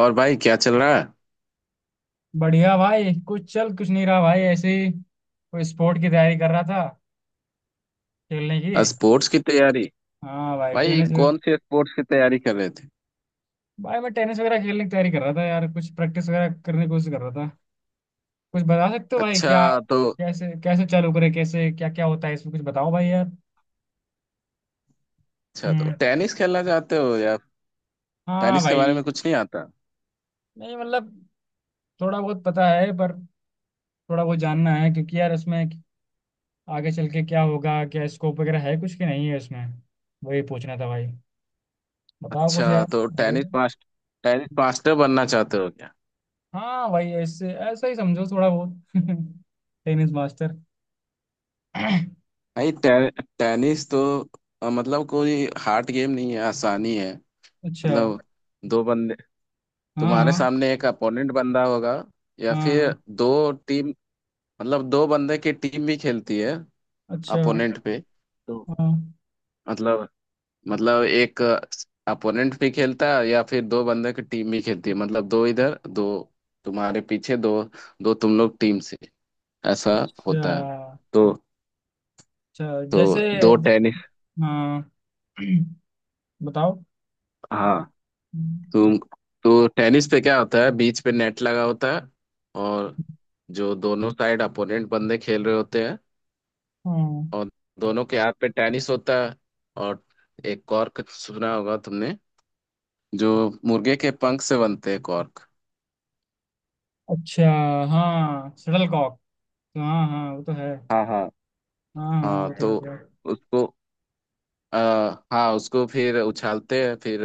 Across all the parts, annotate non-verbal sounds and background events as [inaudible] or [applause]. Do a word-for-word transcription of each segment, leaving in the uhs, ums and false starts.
और भाई क्या चल रहा है। बढ़िया भाई। कुछ चल कुछ नहीं रहा भाई। ऐसे ही कोई स्पोर्ट की तैयारी कर रहा था, खेलने की। स्पोर्ट्स की तैयारी। हाँ भाई, भाई टेनिस। कौन से स्पोर्ट्स की तैयारी कर रहे थे। भाई मैं टेनिस वगैरह खेलने की तैयारी कर रहा था यार, कुछ प्रैक्टिस वगैरह करने की कोशिश कर रहा था। कुछ बता सकते हो भाई, अच्छा क्या तो। कैसे कैसे चालू करे, कैसे क्या क्या होता है इसमें? कुछ बताओ भाई यार। अच्छा तो हम्म। टेनिस खेलना चाहते हो या। हाँ टेनिस के बारे भाई। में कुछ नहीं आता। नहीं मतलब, थोड़ा बहुत पता है पर थोड़ा बहुत जानना है क्योंकि यार इसमें आगे चल के क्या होगा, क्या स्कोप वगैरह है कुछ कि नहीं है इसमें, वही पूछना था भाई। बताओ कुछ अच्छा यार। तो आगे। Tennis master. टेनिस मास्टर बनना चाहते हो क्या। हाँ भाई, ऐसे ऐसा ही समझो थोड़ा बहुत। [laughs] Tennis master. [clears throat] भाई टे, टेनिस तो अ, मतलब कोई हार्ड गेम नहीं है, आसानी है। अच्छा। मतलब दो बंदे हाँ तुम्हारे हाँ सामने एक अपोनेंट बंदा होगा, या फिर हाँ। दो टीम, मतलब दो बंदे की टीम भी खेलती है अच्छा। अपोनेंट पे तो। हाँ। मतलब मतलब एक अपोनेंट भी खेलता है या फिर दो बंदे की टीम भी खेलती है, मतलब दो इधर दो तुम्हारे पीछे, दो दो तुम लोग टीम से, ऐसा अच्छा। होता है। तो अच्छा तो जैसे। दो टेनिस। हाँ। [clears throat] बताओ। हाँ तुम। तो टेनिस पे क्या होता है, बीच पे नेट लगा होता है, और जो दोनों साइड अपोनेंट बंदे खेल रहे होते हैं, हाँ। और दोनों के हाथ पे टेनिस होता है, और एक कॉर्क सुना होगा तुमने, जो मुर्गे के पंख से बनते हैं कॉर्क। अच्छा। हाँ, शटल कॉक। हाँ हाँ, वो तो है। हाँ हाँ। हाँ हाँ, हाँ वो तो तो है यार। उसको आ, हाँ उसको फिर उछालते हैं फिर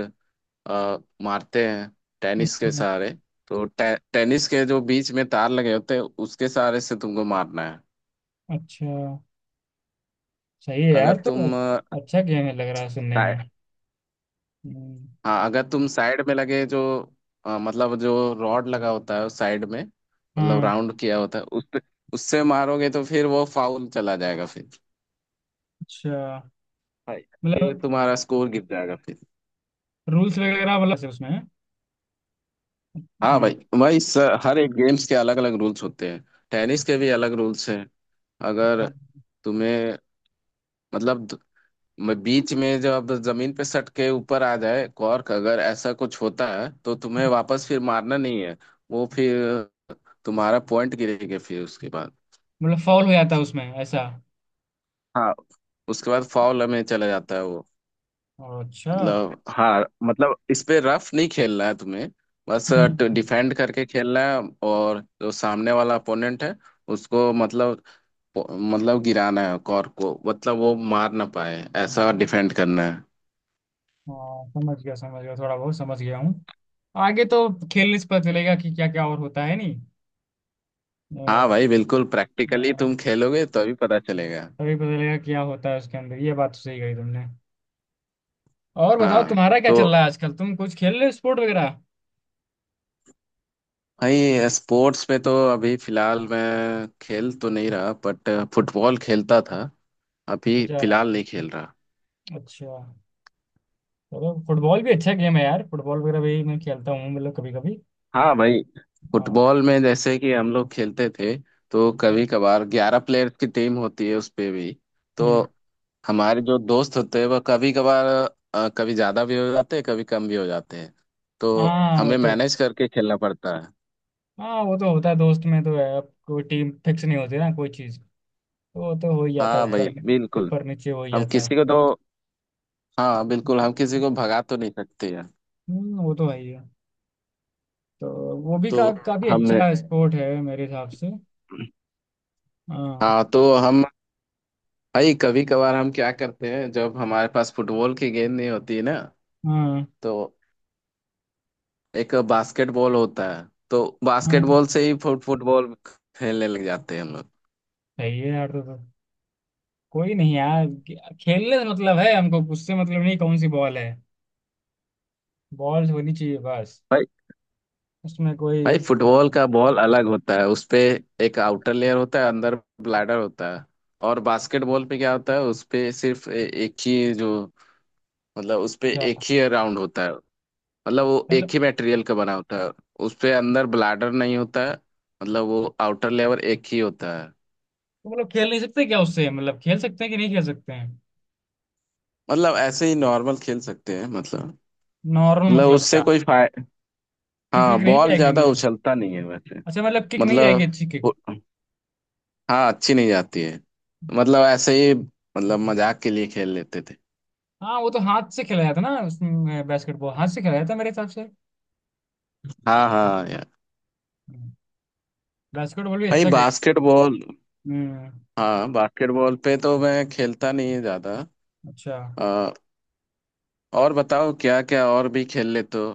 आ, मारते हैं टेनिस के अच्छा। सहारे। तो टे, टेनिस के जो बीच में तार लगे होते हैं उसके सहारे से तुमको मारना है। अच्छा। सही है अगर यार तो। तुम आ, अच्छा गेम है लग रहा है सुनने साइ- में। हम्म। हाँ अगर तुम साइड में लगे जो आ, मतलब जो रॉड लगा होता है साइड में, मतलब हाँ। राउंड किया होता है उस पे, उससे मारोगे तो फिर वो फाउल चला जाएगा फिर, अच्छा। भाई, फिर मतलब तुम्हारा स्कोर गिर जाएगा फिर। रूल्स वगैरह मतलब से उसमें हैं? हाँ भाई, हम्म। भाई स- हर एक गेम्स के अलग अलग रूल्स होते हैं, टेनिस के भी अलग रूल्स हैं। अगर हाँ। तुम्हें मतलब द- म- बीच में जब जमीन पे सट के ऊपर आ जाए कॉर्क, अगर ऐसा कुछ होता है तो तुम्हें वापस फिर मारना नहीं है, वो फिर तुम्हारा पॉइंट गिरेगा फिर उसके बाद। मतलब फॉल हो जाता है उसमें, ऐसा? हाँ, उसके बाद फाउल में चला जाता है वो। अच्छा। मतलब, हाँ, मतलब इस पे रफ नहीं खेलना है तुम्हें, बस हम्म। डिफेंड करके खेलना है, और जो सामने वाला अपोनेंट है उसको मतलब मतलब गिराना है कॉर्क को, मतलब वो मार ना पाए ऐसा डिफेंड करना है। हाँ समझ गया समझ गया, थोड़ा बहुत समझ गया हूँ। आगे तो खेलने से पता चलेगा कि क्या क्या और होता है नहीं। हाँ अ, भाई बिल्कुल, प्रैक्टिकली अ, तुम खेलोगे तो अभी पता चलेगा। तभी पता चलेगा क्या होता है उसके अंदर, ये बात तो सही कही तुमने। और बताओ हाँ तुम्हारा क्या चल तो रहा है आजकल, तुम कुछ खेल रहे हो स्पोर्ट वगैरह? भाई स्पोर्ट्स में तो अभी फिलहाल मैं खेल तो नहीं रहा, बट फुटबॉल खेलता था, अभी अच्छा। फिलहाल नहीं खेल रहा। अच्छा। चलो फुटबॉल भी अच्छा गेम है यार। फुटबॉल वगैरह भी मैं खेलता हूँ मतलब कभी कभी। हाँ भाई, फुटबॉल में जैसे कि हम लोग खेलते थे तो कभी कभार ग्यारह प्लेयर्स की टीम होती है उस पे भी, तो हम्म। हमारे जो दोस्त होते हैं वह कभी कभार अ, कभी ज्यादा भी हो जाते हैं कभी कम भी हो जाते हैं, तो हाँ वो हमें तो। मैनेज करके खेलना पड़ता है। हाँ वो तो होता है, दोस्त में तो है, अब कोई टीम फिक्स नहीं होती ना कोई चीज तो वो तो हो ही जाता है हाँ है भाई ऊपर में- बिल्कुल। ऊपर नीचे हो ही हम जाता है। किसी को तो हाँ बिल्कुल, हम किसी को भगा तो नहीं सकते हैं। हम्म, वो तो है ही है। तो वो भी तो का, काफी हमने अच्छा स्पोर्ट है मेरे हिसाब से। हाँ हाँ, तो हम भाई कभी कभार हम क्या करते हैं, जब हमारे पास फुटबॉल की गेंद नहीं होती है ना, हाँ तो एक बास्केटबॉल होता है, तो हाँ। बास्केटबॉल से ही फुट फुटबॉल खेलने लग जाते हैं हम लोग। सही है यार। तो, तो कोई नहीं यार, खे- खेलने से मतलब है हमको, उससे मतलब नहीं कौन सी बॉल है, बॉल होनी चाहिए बस। भाई, उसमें कोई। भाई फुटबॉल का बॉल अलग होता है, उसपे एक आउटर लेयर होता है, अंदर ब्लैडर होता है, और बास्केटबॉल पे क्या होता है, उसपे सिर्फ ए- एक ही जो, मतलब उसपे क्या एक ही राउंड होता है, मतलब वो एक मतलब? ही मटेरियल का बना होता है, उसपे अंदर ब्लैडर नहीं होता है, मतलब वो आउटर लेयर एक ही होता है। तो मतलब खेल नहीं सकते क्या उससे, मतलब खेल सकते हैं कि नहीं खेल सकते हैं? मतलब ऐसे ही नॉर्मल खेल सकते हैं, मतलब नॉर्मल मतलब मतलब उससे क्या? कोई फायदा। किक हाँ विक नहीं बॉल जाएगी ज्यादा मतलब? उछलता नहीं है वैसे। अच्छा, मतलब किक नहीं जाएगी, मतलब अच्छी किक। वो- हाँ अच्छी नहीं जाती है, मतलब ऐसे ही मतलब मजाक के लिए खेल लेते थे। हाँ वो तो हाथ से खेला जाता ना उसमें, बास्केटबॉल हाथ से खेला जाता मेरे हिसाब से। हाँ हाँ यार। बास्केटबॉल भी भाई अच्छा खेल। बास्केटबॉल। हम्म। हाँ बास्केटबॉल पे तो मैं खेलता नहीं है ज्यादा। अच्छा। अ, और बताओ क्या क्या और भी खेल लेते हो,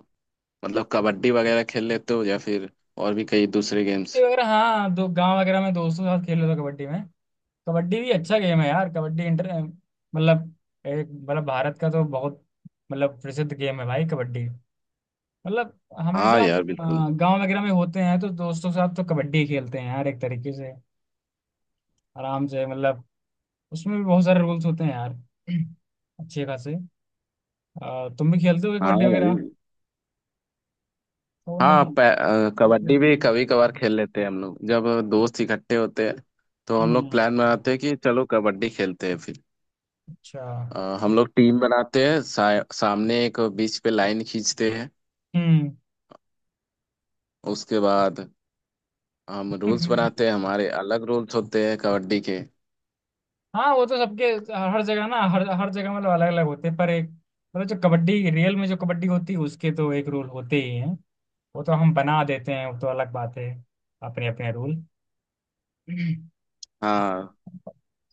मतलब कबड्डी वगैरह खेल लेते हो या फिर और भी कई दूसरे कबड्डी गेम्स। वगैरह हाँ, दो गांव वगैरह में दोस्तों के साथ खेल लेता कबड्डी में। कबड्डी भी अच्छा गेम है यार, कबड्डी इंटर मतलब, एक मतलब, भारत का तो बहुत मतलब प्रसिद्ध गेम है भाई कबड्डी मतलब। हाँ हमेशा हम यार बिल्कुल। लोग गाँव वगैरह में होते हैं तो दोस्तों के साथ तो कबड्डी ही खेलते हैं यार, एक तरीके से आराम से मतलब। उसमें भी बहुत सारे रूल्स होते हैं यार, अच्छे खासे। अ, तुम भी खेलते हो हाँ कबड्डी वगैरह? भाई। वो हाँ नहीं पै- अ, सबके कबड्डी भी नहीं। कभी कभार खेल लेते हैं हम लोग, जब दोस्त इकट्ठे होते हैं तो हम लोग हम्म। प्लान बनाते हैं कि चलो कबड्डी खेलते हैं फिर। अच्छा। अ, हम लोग टीम बनाते हैं, सा, सामने एक बीच पे लाइन खींचते हैं, हम्म। उसके बाद हम रूल्स हम्म। बनाते हैं, हमारे अलग रूल्स होते हैं कबड्डी के। हाँ वो तो सबके, हर हर जगह ना, हर हर जगह मतलब अलग अलग होते हैं पर एक मतलब जो कबड्डी रियल में जो कबड्डी होती है उसके तो एक रूल होते ही हैं। वो तो हम बना देते हैं, वो तो अलग बात है, अपने अपने रूल। हाँ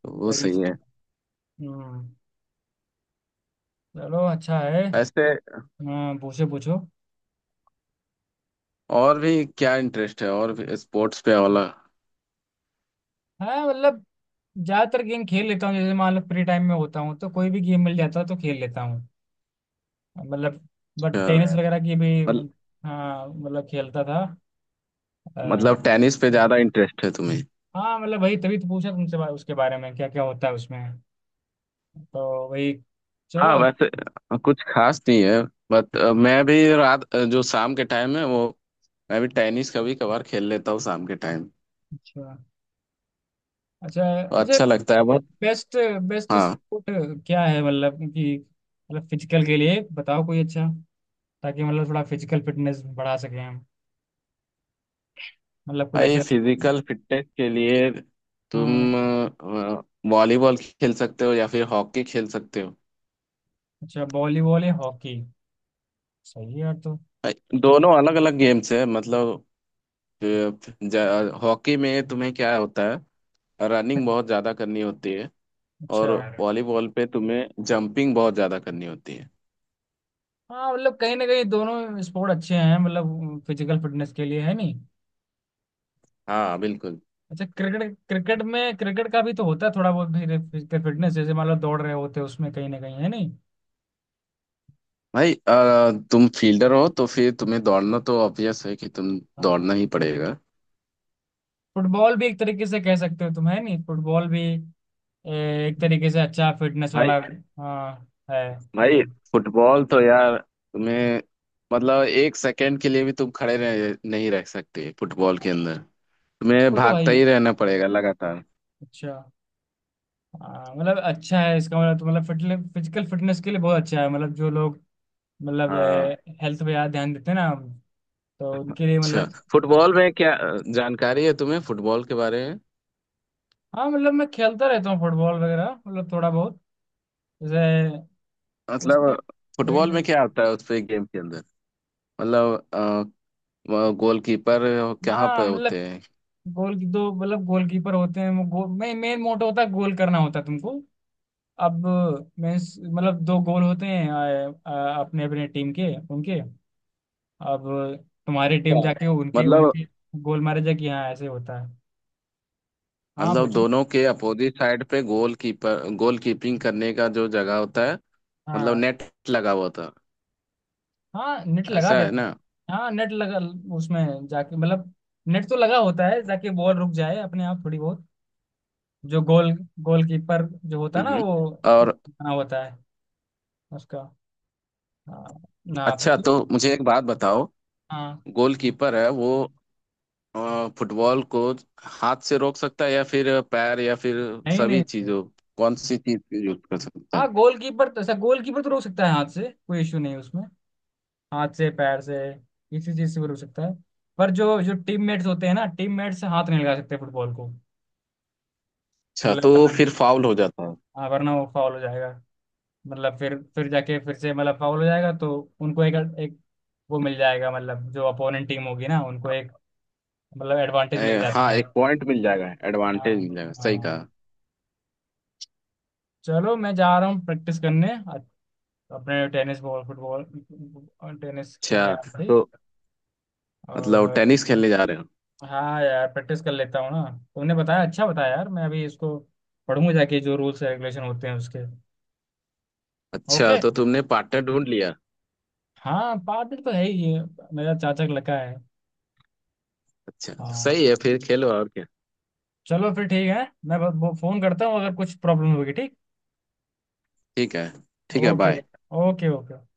तो वो वही सही है। चीज़। हम्म। चलो अच्छा है। वैसे हाँ पूछो पूछो। और भी क्या इंटरेस्ट है और भी स्पोर्ट्स पे वाला। हाँ मतलब ज्यादातर गेम खेल लेता हूँ, जैसे मान लो फ्री टाइम में होता हूँ तो कोई भी गेम मिल जाता है तो खेल लेता हूँ मतलब, बट टेनिस है वगैरह की भी। अच्छा, हाँ मतलब खेलता था। अ, मतलब टेनिस पे ज्यादा इंटरेस्ट है तुम्हें। हाँ मतलब वही तभी तो पूछा तुमसे बा- उसके बारे में क्या क्या होता है उसमें, तो वही। चलो। हाँ वैसे अ, कुछ खास नहीं है, बट अ, मैं भी रात अ, जो शाम के टाइम है वो, मैं भी टेनिस कभी कभार खेल लेता हूँ शाम के टाइम, अच्छा। अच्छा। तो अच्छा। अच्छा लगता है बहुत। बेस्ट बेस्ट हाँ स्पोर्ट क्या है मतलब कि, मतलब फिजिकल के लिए बताओ कोई अच्छा, ताकि मतलब थोड़ा फिजिकल फिटनेस बढ़ा सकें हम, मतलब कोई भाई, ऐसा sport-। फिजिकल फिटनेस के लिए हाँ। तुम अ, वॉलीबॉल खेल सकते हो या फिर हॉकी खेल सकते हो। अच्छा वॉलीबॉल या हॉकी, सही है यार तो। भाई, दोनों अलग अलग गेम्स है, मतलब अ, ज- हॉकी में तुम्हें क्या होता है, रनिंग बहुत ज्यादा करनी होती है, और अच्छा। वॉलीबॉल पे तुम्हें जंपिंग बहुत ज्यादा करनी होती है। हाँ मतलब कहीं ना कहीं दोनों स्पोर्ट अच्छे हैं मतलब फिजिकल फिटनेस के लिए है नहीं। हाँ बिल्कुल। अच्छा क्रिकेट, क्रिकेट में, क्रिकेट का भी तो होता है थोड़ा बहुत भी फिजिकल फिटनेस, जैसे मान लो दौड़ रहे होते हैं उसमें कहीं ना कहीं है नहीं। भाई अ, तुम फील्डर हो तो फिर तुम्हें दौड़ना तो ऑब्वियस है कि तुम हाँ। दौड़ना ही पड़ेगा। फुटबॉल भी एक तरीके से कह सकते हो तुम, है नहीं, फुटबॉल भी ए, एक तरीके से अच्छा फिटनेस भाई वाला। हाँ है भाई गेम। फुटबॉल तो यार तुम्हें, मतलब एक सेकंड के लिए भी तुम खड़े रह, नहीं रह सकते फुटबॉल के अंदर, तुम्हें वो तो है ही भागता है। ही रहना पड़ेगा लगातार। अच्छा। हाँ, मतलब अच्छा है इसका मतलब तो, मतलब फिटने, फिजिकल फिटनेस के लिए बहुत अच्छा है मतलब, जो लोग मतलब हाँ, हेल्थ पे ज्यादा ध्यान देते हैं ना तो उनके लिए अच्छा मतलब। फुटबॉल में क्या अ, जानकारी है तुम्हें फुटबॉल के बारे में, हाँ मतलब मैं खेलता रहता हूँ फुटबॉल वगैरह मतलब थोड़ा बहुत। जैसे उसमें। मतलब भाई। फुटबॉल में क्या आता है उस पे गेम के अंदर, मतलब गोलकीपर कहाँ हाँ पे मतलब होते हैं। गोल, दो मतलब गोलकीपर होते हैं, वो गोल मैं मेन मोटो होता है, गोल करना होता है तुमको। अब मैं, मतलब दो गोल होते हैं आ, आ, अपने अपने टीम के उनके। अब तुम्हारी टीम अच्छा, जाके उनके मतलब उनके गोल मारे जाके, हाँ ऐसे होता है। हाँ मतलब पूछो। दोनों के अपोजिट साइड पे गोलकीपर गोलकीपिंग करने का जो जगह होता है, मतलब हाँ। नेट लगा हुआ होता हाँ नेट है लगा ऐसा है ना। देते। हाँ नेट लगा उसमें जाके मतलब, नेट तो लगा होता है ताकि बॉल रुक जाए अपने आप थोड़ी बहुत, जो गोल, गोलकीपर जो होता है ना हम्म वो और बना होता है उसका। हाँ, ना अच्छा पूछिए। तो मुझे एक बात बताओ। हाँ। गोलकीपर है वो अ, फुटबॉल को हाथ से रोक सकता है या फिर पैर या फिर नहीं सभी नहीं नहीं। चीजों, कौन सी चीज यूज कर सकता हाँ है। गोलकीपर तो ऐसा, गोलकीपर तो रोक सकता है हाथ से, कोई इशू नहीं उसमें, हाथ से पैर से किसी चीज से वो रोक सकता है, पर जो जो टीम मेट्स होते हैं ना, टीम मेट्स से हाथ नहीं लगा सकते फुटबॉल को। अच्छा मतलब तो वरना, फिर फाउल हो जाता है। हाँ वरना वो फाउल हो जाएगा मतलब, फिर फिर जाके फिर से मतलब फाउल हो जाएगा, तो उनको एक एक वो मिल जाएगा, मतलब जो अपोनेंट टीम होगी ना उनको एक मतलब एडवांटेज मिल ए, हाँ जाता है। एक पॉइंट मिल जाएगा हाँ। एडवांटेज मिल जाएगा, सही हाँ। कहा। चलो मैं जा रहा हूँ प्रैक्टिस करने, अ- अपने टेनिस बॉल फुटबॉल टेनिस खेलने अच्छा आप भी तो मतलब और। टेनिस खेलने जा रहे हो। हाँ यार प्रैक्टिस कर लेता हूँ ना, तुमने बताया अच्छा बताया यार, मैं अभी इसको पढ़ूंगा जाके, जो रूल्स रेगुलेशन होते हैं उसके। अच्छा ओके। तो तुमने पार्टनर ढूंढ लिया। हाँ पादल तो है ही है, मेरा चाचा का लड़का है। अच्छा तो हाँ सही है फिर खेलो और क्या। चलो फिर ठीक है। मैं ब- वो फोन करता हूँ अगर कुछ प्रॉब्लम होगी, ठीक। ठीक है। ठीक है, ओके। बाय। Okay okay.